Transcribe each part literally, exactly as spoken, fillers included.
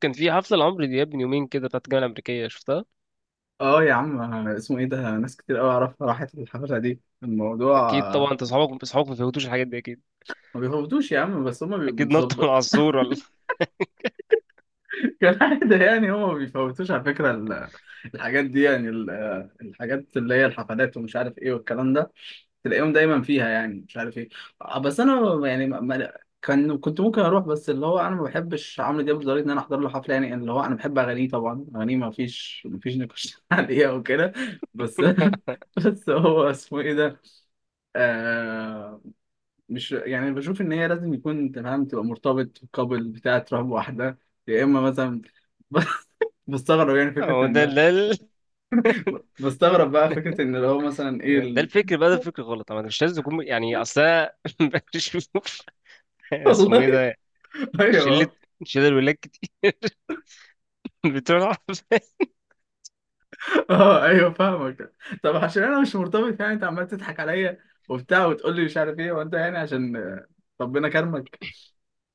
كان في حفله لعمرو دياب من يومين كده بتاعت الجامعه الامريكيه شفتها. اه يا عم اسمه ايه ده. ناس كتير قوي اعرفها راحت الحفله دي الموضوع. اكيد آه، طبعا، انت اصحابك اصحابك ما فهمتوش الحاجات دي اكيد. ما بيفوتوش يا عم، بس هما بيبقوا اكيد نط من بنتظبط. على السور ولا كالعاده يعني، هما ما بيفوتوش على فكره ال- الحاجات دي يعني ال- آه، الحاجات اللي هي الحفلات ومش عارف ايه والكلام ده، تلاقيهم دايما فيها يعني، مش عارف ايه. آه، بس انا يعني ما ما- كان كنت ممكن اروح، بس اللي هو انا ما بحبش عمرو دياب لدرجه ان انا احضر له حفله، يعني اللي هو انا بحب اغانيه طبعا، اغانيه ما فيش ما فيش نقاش عليها وكده. بس بس هو اسمه ايه ده. آه مش يعني، بشوف ان هي لازم يكون انت فاهم تبقى مرتبط قبل بتاع تروح بواحده، يا اما مثلا. بستغرب يعني هو فكره ده ان، ده ال- بستغرب بقى فكره ان لو مثلا ايه ده ال... الفكر بقى، ده الفكر غلط. انا مش لازم يكون، يعني، اصل أنا بشوف. اسمه ايه والله. ده؟ شله ايوه. شله الولاد كتير بتوع الحفلات. اه ايوه فاهمك. طب عشان انا مش مرتبط، يعني انت عمال تضحك عليا وبتاع وتقول لي مش عارف ايه، وانت يعني عشان آه، ربنا كرمك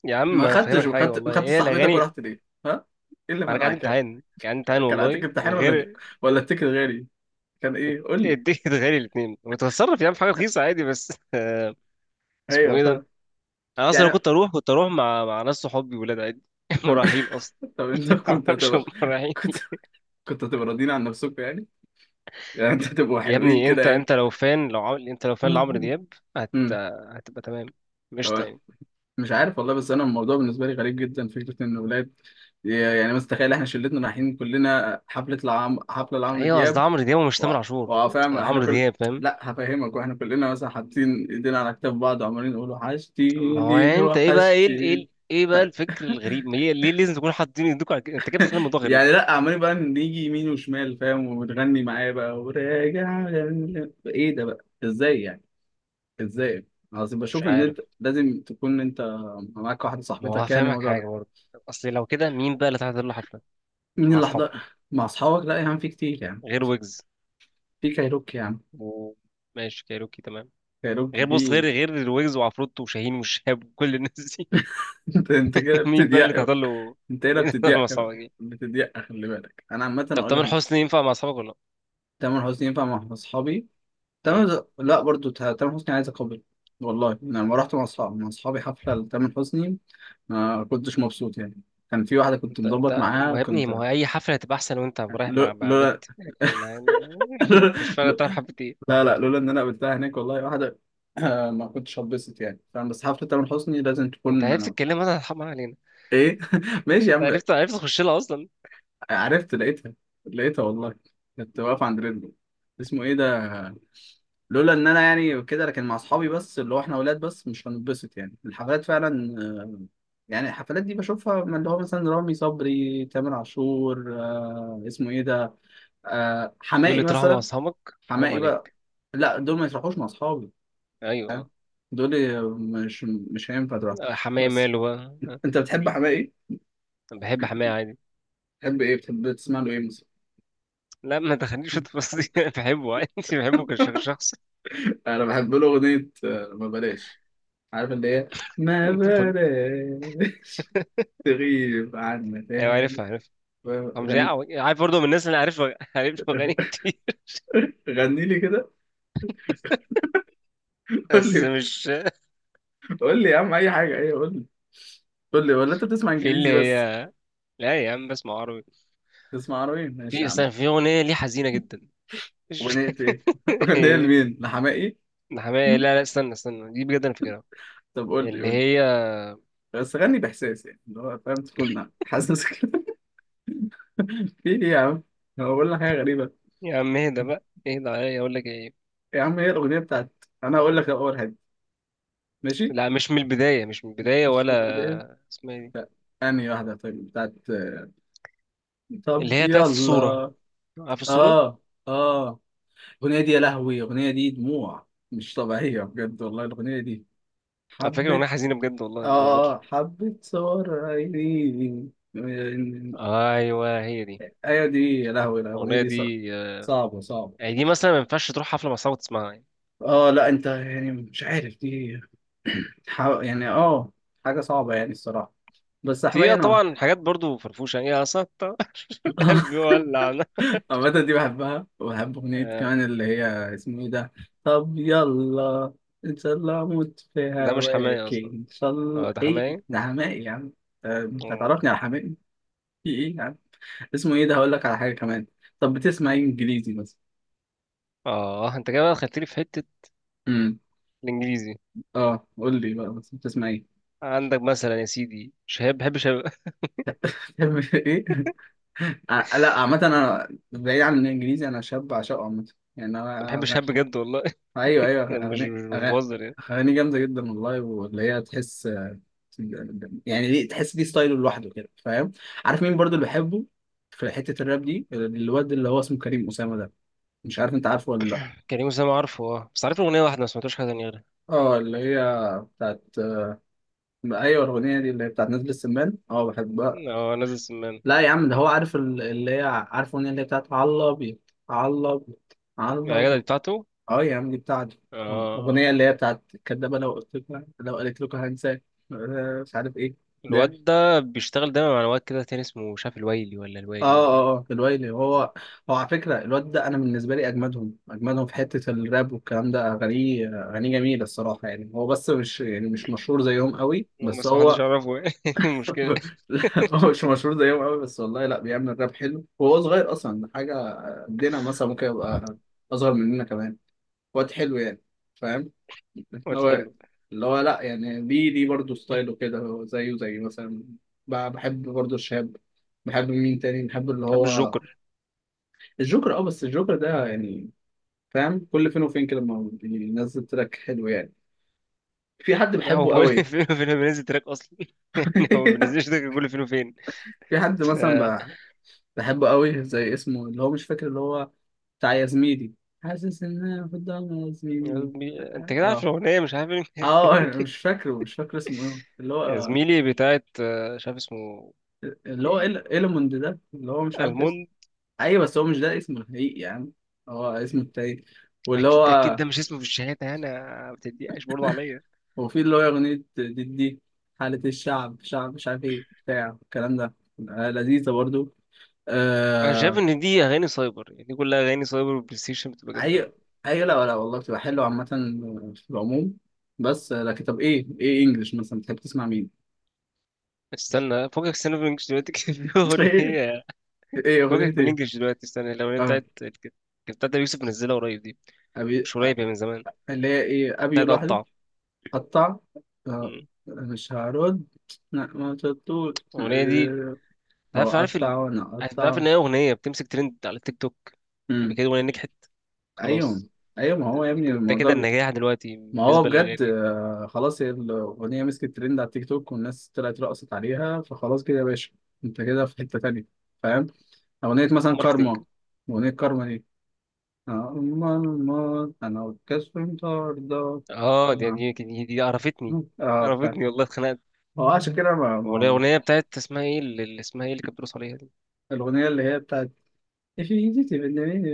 يا عم ما انا خدتش، فاهمك حاجه وخدت والله، ما خدتش هي صاحبتك الاغاني. ورحت ليه، ها؟ ايه اللي ما انا كان عندي منعك يعني؟ امتحان، كان عندي امتحان كان عليك والله، امتحان، ولا وغير، ولا التيكت غالي، كان ايه قول لي. التيكت غالي الاثنين. وتتصرف يا عم في حاجه رخيصه عادي، بس آه، اسمه ايوه ايه ده؟ فاهم انا اصلا لو يعني. كنت اروح كنت اروح مع مع ناس صحابي ولاد عادي طب مراهقين اصلا طب انت كنت معرفش هتبقى، هم مراهقين. كنت كنت هتبقى راضيين عن نفسكم يعني يعني انت هتبقوا يا حلوين ابني كده انت يعني؟ انت لو فان لو عمل انت لو فان لعمرو دياب هت امم هتبقى تمام، مش لو تاني. مش عارف والله، بس انا الموضوع بالنسبه لي غريب جدا، فكره ان ولاد يعني مثلا، تخيل احنا شلتنا رايحين كلنا حفله العم حفله لعمرو ايوه قصد دياب عمرو دياب ومش و- تامر عاشور. وفاهم احنا عمرو كل، دياب فاهم. لا هفهمك. واحنا كلنا مثلا حاطين ايدينا على كتاف بعض، وعمالين نقول ما هو يعني وحشتيني انت ايه بقى، ايه ال- ايه وحشتيني ال- ايه بقى الفكر الغريب؟ ما هي ليه لازم تكون حاطين ايديك على كده؟ انت كده بتخلي الموضوع غريب. يعني، لا عمالين بقى نيجي يمين وشمال فاهم، وبتغني معايا بقى وراجع، ايه ده بقى؟ ازاي يعني؟ ازاي؟ قصدي مش بشوف ان عارف. انت لازم تكون انت معاك واحده ما هو صاحبتك يعني، هفهمك الموضوع حاجه ده. برضه. اصل لو كده، مين بقى اللي هتحضر له حفله مين مع اللي اصحابك؟ حضر مع اصحابك؟ لا يا عم في كتير يعني. غير ويجز. في كايروكي يا عم، وماشي كايروكي تمام. كايروكي غير بص، غير في. غير الويجز وعفروتو وشاهين والشهاب وكل الناس دي انت انت كده مين بقى اللي بتضيق. تحصل له؟ انت هنا مين اللي تحصل مع بتضيق اصحابك دي؟ بتضيق خلي بالك انا عامه طب اقول تامر لك. حسني ينفع مع اصحابك ولا لا؟ تامر حسني ينفع مع اصحابي. مم. تامر، لا برضو، تا- تامر حسني عايز اقابل. والله انا لما رحت مع اصحابي مع اصحابي حفله لتامر حسني، ما كنتش مبسوط يعني. كان في واحدة كنت انت مظبط انت ما هو معاها، يا ابني، ما كنت هو اي حفله هتبقى احسن وانت رايح لو- مع مع بنت، لولا، يعني ما... ما... مش فارقه لو- تروح حفله ايه. لا لا لولا إن أنا قابلتها هناك والله، واحدة ما كنتش هتبسط يعني، فاهم. بس حفلة تامر حسني لازم انت تكون عرفت الكلام انا هرحم علينا. إيه. ماشي يا انت عم. عرفت عرفت تخش لها اصلا. عرفت لقيتها، لقيتها والله. كنت واقف عند رجله. اسمه إيه ده. لولا إن أنا يعني كده، لكن مع أصحابي بس، اللي هو إحنا ولاد بس، مش هنتبسط يعني الحفلات فعلا. آه، يعني الحفلات دي بشوفها من اللي هو مثلا رامي صبري، تامر عاشور، آه، اسمه إيه ده، آه بيقول حماقي لي تروح مع مثلا. اصحابك؟ حرام حماقي بقى. عليك. لا دول ما يروحوش مع اصحابي، فاهم؟ ايوه. دول مش مش هينفع تروح. آه، حماية بس ماله بقى، ها، انت قول بتحب لي. حماقي؟ انا بحب حماية عادي. بتحب ايه، بتحب تسمع له ايه مثلا؟ لا ما تخليش في التفاصيل انا بحبه عادي، بحبه كشخص. انا بحب له اغنيه آه، ما بلاش، عارف اللي هي ما انت بتقول- بلاش. تغيب عنا ايوه، تاني. عارفها عارفها. أو مش غني، يعني عارف برضه، من الناس اللي عارف عارف اغاني كتير. غني لي كده. قول بس لي، مش، قول لي يا عم اي حاجه، ايه قول لي. قول لي، ولا انت بتسمع في اللي انجليزي بس؟ هي، لا يا عم بسمع عربي. تسمع عربي، ماشي في، يا عم. استنى، في اغنيه ليه حزينه جدا، مش اغنيه ايه؟ اغنيه لمين، لحماقي؟ ده حماية، لا لا، استنى استنى دي بجد انا فاكرها، طب قول لي، اللي قول لي. هي. بس غني باحساس يعني، اللي هو فاهم تكون حاسس كده. في ايه يا عم؟ هو بقول لك حاجه غريبه يا عم اهدى بقى، اهدى عليا اقول لك ايه. يا عم، هي الاغنيه بتاعت، انا هقول لك اول حاجه، ماشي. لا، مش من البدايه، مش من البدايه، مش من الاغنيه، ولا اسمها إيه دي؟ لا. انهي واحده طيب، بتاعت؟ طب اللي هي بتاعت الصوره. يلا. عارف الصوره؟ اه اه. الاغنيه دي يا لهوي، الاغنيه دي دموع مش طبيعيه بجد والله، الاغنيه دي على فكره حبه. اغنيه حزينه بجد والله ما بهزرش. اه حبه، صور عيني. ايوه هي دي. ايوه دي، يا لهوي الاغنيه الاغنيه دي صع- دي آه، صعبه صعبه. يعني دي مثلا ما ينفعش تروح حفله مع صحابك تسمعها. اه لا انت يعني مش عارف دي، حا- يعني اه حاجة صعبة يعني الصراحة. بس في حماية اه انا. طبعا حاجات برضو فرفوشة، يعني إيه أصلا قلبي ولع أنا. عامة دي بحبها، وبحب أغنية آه، كمان اللي هي، اسمه ايه ده. طب يلا، ان شاء الله اموت في ده مش حماية هواك، أصلا. ان شاء الله أه ده ايه حماية. ده، حماقي يا عم. آه، انت آه تعرفني على حماقي؟ في ايه يا عم، اسمه ايه ده. هقول لك على حاجة كمان، طب بتسمع ايه انجليزي مثلا؟ آه، أنت كده بقى دخلتلي في حتة امم الإنجليزي. اه قول لي بقى، بس بتسمع ايه؟ عندك مثلا يا سيدي شهاب، بحب شهاب بتحب ايه؟ ع- لا عامة أنا بعيد عن الإنجليزي، أنا شاب عشقه عامة يعني، أنا بحب أنا شهاب أغ- بجد والله أيوه أيوه. يعني مش أغاني، مش مش أغاني بهزر يعني. أغاني جامدة جدا والله، واللي هي تحس يعني، ليه تحس، دي ستايله لوحده كده، فاهم. عارف مين برضو اللي بحبه في حتة الراب دي؟ الواد اللي هو اسمه كريم أسامة ده، مش عارف أنت عارفه ولا لأ. كريم أسامة عارفه. أه بس عارف له أغنية واحدة، ما سمعتوش حاجة تانية غيرها. أه اللي هي بتاعت، أيوه الأغنية دي اللي هي بتاعت نازل السمان، أه بحبها. أه نازل سمان. لا يا عم ده هو عارف ال- اللي هي، عارف الأغنية اللي هي بتاعت على الأبيض، على يا جدع الأبيض. دي بتاعته. اه يا عم دي بتاعته، أه، آه، آه. الأغنية اللي هي بتاعت كدابة، لو قلت لكم، لو قالت لكم هنساك، آه، مش عارف ايه ده. الواد ده بيشتغل دايما مع واد كده تاني اسمه مش عارف، الويلي ولا اه الويلي ولا إيه. اه اه الويلي هو هو على فكرة الواد ده، أنا بالنسبة لي أجمدهم أجمدهم في حتة الراب والكلام ده، أغانيه أغانيه جميلة الصراحة يعني، هو بس مش يعني مش مشهور زيهم قوي، بس بس محدش هو. يعرفه المشكلة. لا، هو مش مشهور زيهم قوي بس والله، لا بيعمل راب حلو، وهو صغير أصلا ده، حاجة قدنا مثلا ممكن يبقى أصغر مننا كمان. واد حلو يعني، فاهم. ما اللي هو تحله. اللي هو لا يعني، دي دي برضه ستايله كده، هو زيه زي مثلا، ب- بحب برضه الشاب، بحب مين تاني، بحب اللي بحب هو الجوكر. الجوكر. اه بس الجوكر ده يعني، فاهم كل فين وفين كده لما بينزل تراك حلو يعني. في حد هو بحبه كل قوي. فين وفين بينزل تراك اصلا يعني هو ما بينزلش تراك كل فين وفين. في حد ف، مثلا ب- بحبه قوي، زي اسمه اللي هو، مش فاكر اللي هو بتاع يا زميلي، حاسس ان انا في الضلمه يا زميلي. بي- انت كده عارف اه الاغنيه، مش عارف إيه؟ اه، مش فاكره، مش فاكر اسمه ايه اللي هو يا آه، زميلي بتاعت آه، مش عارف اسمه اللي هو ايه. إل... إلموند ده، اللي هو مش عارف اسمه. الموند. ايوه بس هو مش ده اسمه الحقيقي يعني، هو اسمه التاني واللي اكيد اكيد هو. ده مش اسمه في الشهاده، انا ما بتضايقش برضه عليا. وفي اللي هو اغنية دي دي حالة الشعب، شعب مش عارف ايه بتاع الكلام ده، آه لذيذة برضو. انا شايف آه... ان دي اغاني سايبر، يعني دي كلها اغاني سايبر، والبلاي ستيشن بتبقى جامده اي قوي. اي، لا لا والله بتبقى حلوة عامة في العموم. بس آه، لكن طب ايه ايه انجلش مثلا بتحب تسمع مين؟ استنى فوقك، استنى بالانجلش دلوقتي كان في ايه اغنيه. ايه اغنية فوقك ايه؟ بالانجلش دلوقتي، استنى، الاغنيه اه بتاعت، كانت بتاعت أبي يوسف، منزلها قريب دي. أبي... مش آه، قريب، هي من زمان. اللي هي ايه، ابي بتاعت لوحده؟ قطع. قطع، آه، مم. مش هرد، لا ما شطوش. الأغنية دي، هو عارف عارف ال... قطع وانا عارف عارف قطع. ان هي اغنيه بتمسك ترند على التيك توك، يبقى مم. كده الاغنيه نجحت ايوه خلاص. ايوه، ما هو يا ابني كده، ده الموضوع كده بي... النجاح دلوقتي ما هو بالنسبه بجد للاغاني. آه، خلاص هي الاغنيه مسكت ترند على التيك توك، والناس طلعت رقصت عليها، فخلاص كده يا باشا، انت كده في حته تانيه فاهم. اغنيه مثلا ماركتينج. كارما، اغنيه كارما دي، آه، أما الموت انا والكسف مطاردة. اه دي اه دي, دي, دي عرفتني. آه، فاهم. عرفتني والله، اتخنقت. هو عشان كده ما... هو ما... الاغنيه بتاعت، اسمها ايه اللي اللي اسمها ايه اللي كانت بترقص عليها دي؟ الأغنية اللي هي بتاعت Definitive بالنهاية-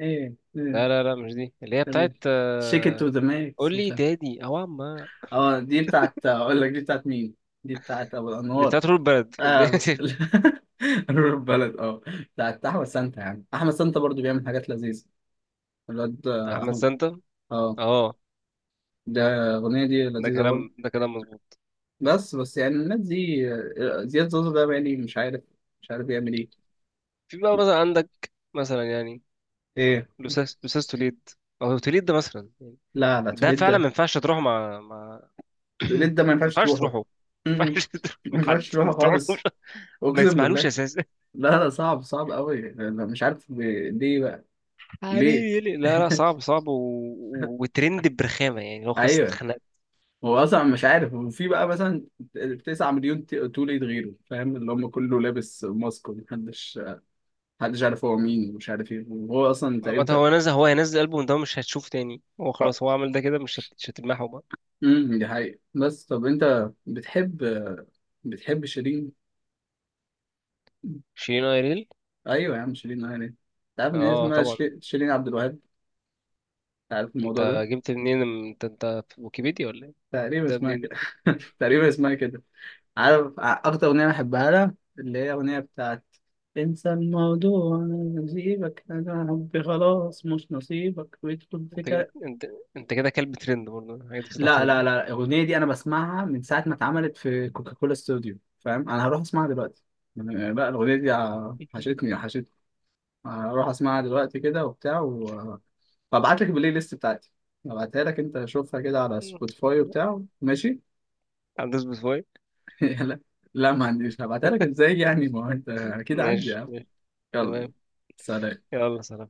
ايه إيه. لا لا لا مش دي، اللي هي بتاعت shake it آه، to the max، قول مش لي عارف. دادي او عما. اه دي بتاعت، اقول لك دي بتاعت مين، دي بتاعت ابو دي الانوار. بتاعت رول بلد اه نور البلد، اه بتاعت احمد سانتا، يعني احمد سانتا برضو بيعمل حاجات لذيذة الواد، آه، احمد احمد. سانتا. اه اه، ده الاغنية دي ده لذيذة برضو. كلام ده كلام مظبوط. بس بس يعني الناس دي آه، زياد زوزو ده يعني، مش عارف مش عارف بيعمل ايه. في بقى مثلا عندك، مثلا يعني، ايه لوساس لوساس توليد، او توليد ده مثلا يعني. لا لا، ده توليد فعلا ده ما ينفعش تروحه مع مع توليد ما ده ما ينفعش ينفعش تروحه. تروحه. ما م- م. ينفعش تروح ما مع ينفعش حد. تروحه تروحوش خالص، ما اقسم تسمعلوش بالله. اساسا. لا لا صعب صعب قوي، أنا مش عارف ليه بقى، ليه. حبيبي يلي، لا لا، صعب صعب و... و- وترند برخامه، يعني هو خلاص ايوه، اتخنقت. هو اصلا مش عارف. وفي بقى مثلا تسع مليون ت- توليد غيره، فاهم، اللي هم كله لابس ماسك، ومحدش محدش عارف هو مين، ومش عارف ايه، وهو اصلا ما تقريبا ت- هو نزل، هو هينزل البوم ده مش هتشوف تاني، هو خلاص هو عمل ده كده، مش هت... مش هتلمحه بقى. امم دي حقيقة. بس طب انت بتحب بتحب شيرين؟ شيرين ايريل. ايوه يا عم شيرين، يعني انت عارف ان هي اه اسمها طبعا. شيرين، شيرين عبد الوهاب؟ انت عارف انت الموضوع ده؟ جبت منين، انت انت في ويكيبيديا ولا ايه؟ تقريبا انت اسمها منين؟ كده. تقريبا اسمها كده. عارف ع- اكتر اغنيه بحبها لها اللي هي، اغنيه بتاعت انسى الموضوع أنا نسيبك، انا حبي خلاص مش نصيبك، ويدخل في انت كده. انت انت كده كلب ترند برضه، حاجه بتطلع لا لا ترند لا الاغنيه دي انا بسمعها من ساعه ما اتعملت في كوكاكولا استوديو، فاهم. انا هروح اسمعها دلوقتي يعني. لا الاغنيه دي ع- حشتني حشتني. هروح اسمعها دلوقتي كده وبتاع و... وابعت لك البلاي ليست بتاعتي، هبعتها لك، انت شوفها كده على سبوتيفاي وبتاع، ماشي. هتدوس بفوي. لا لا ما عنديش، هبعتها لك ازاي يعني، ما هو انت اكيد عندي. ماشي ماشي. يلا، تمام. سلام. يلا سلام.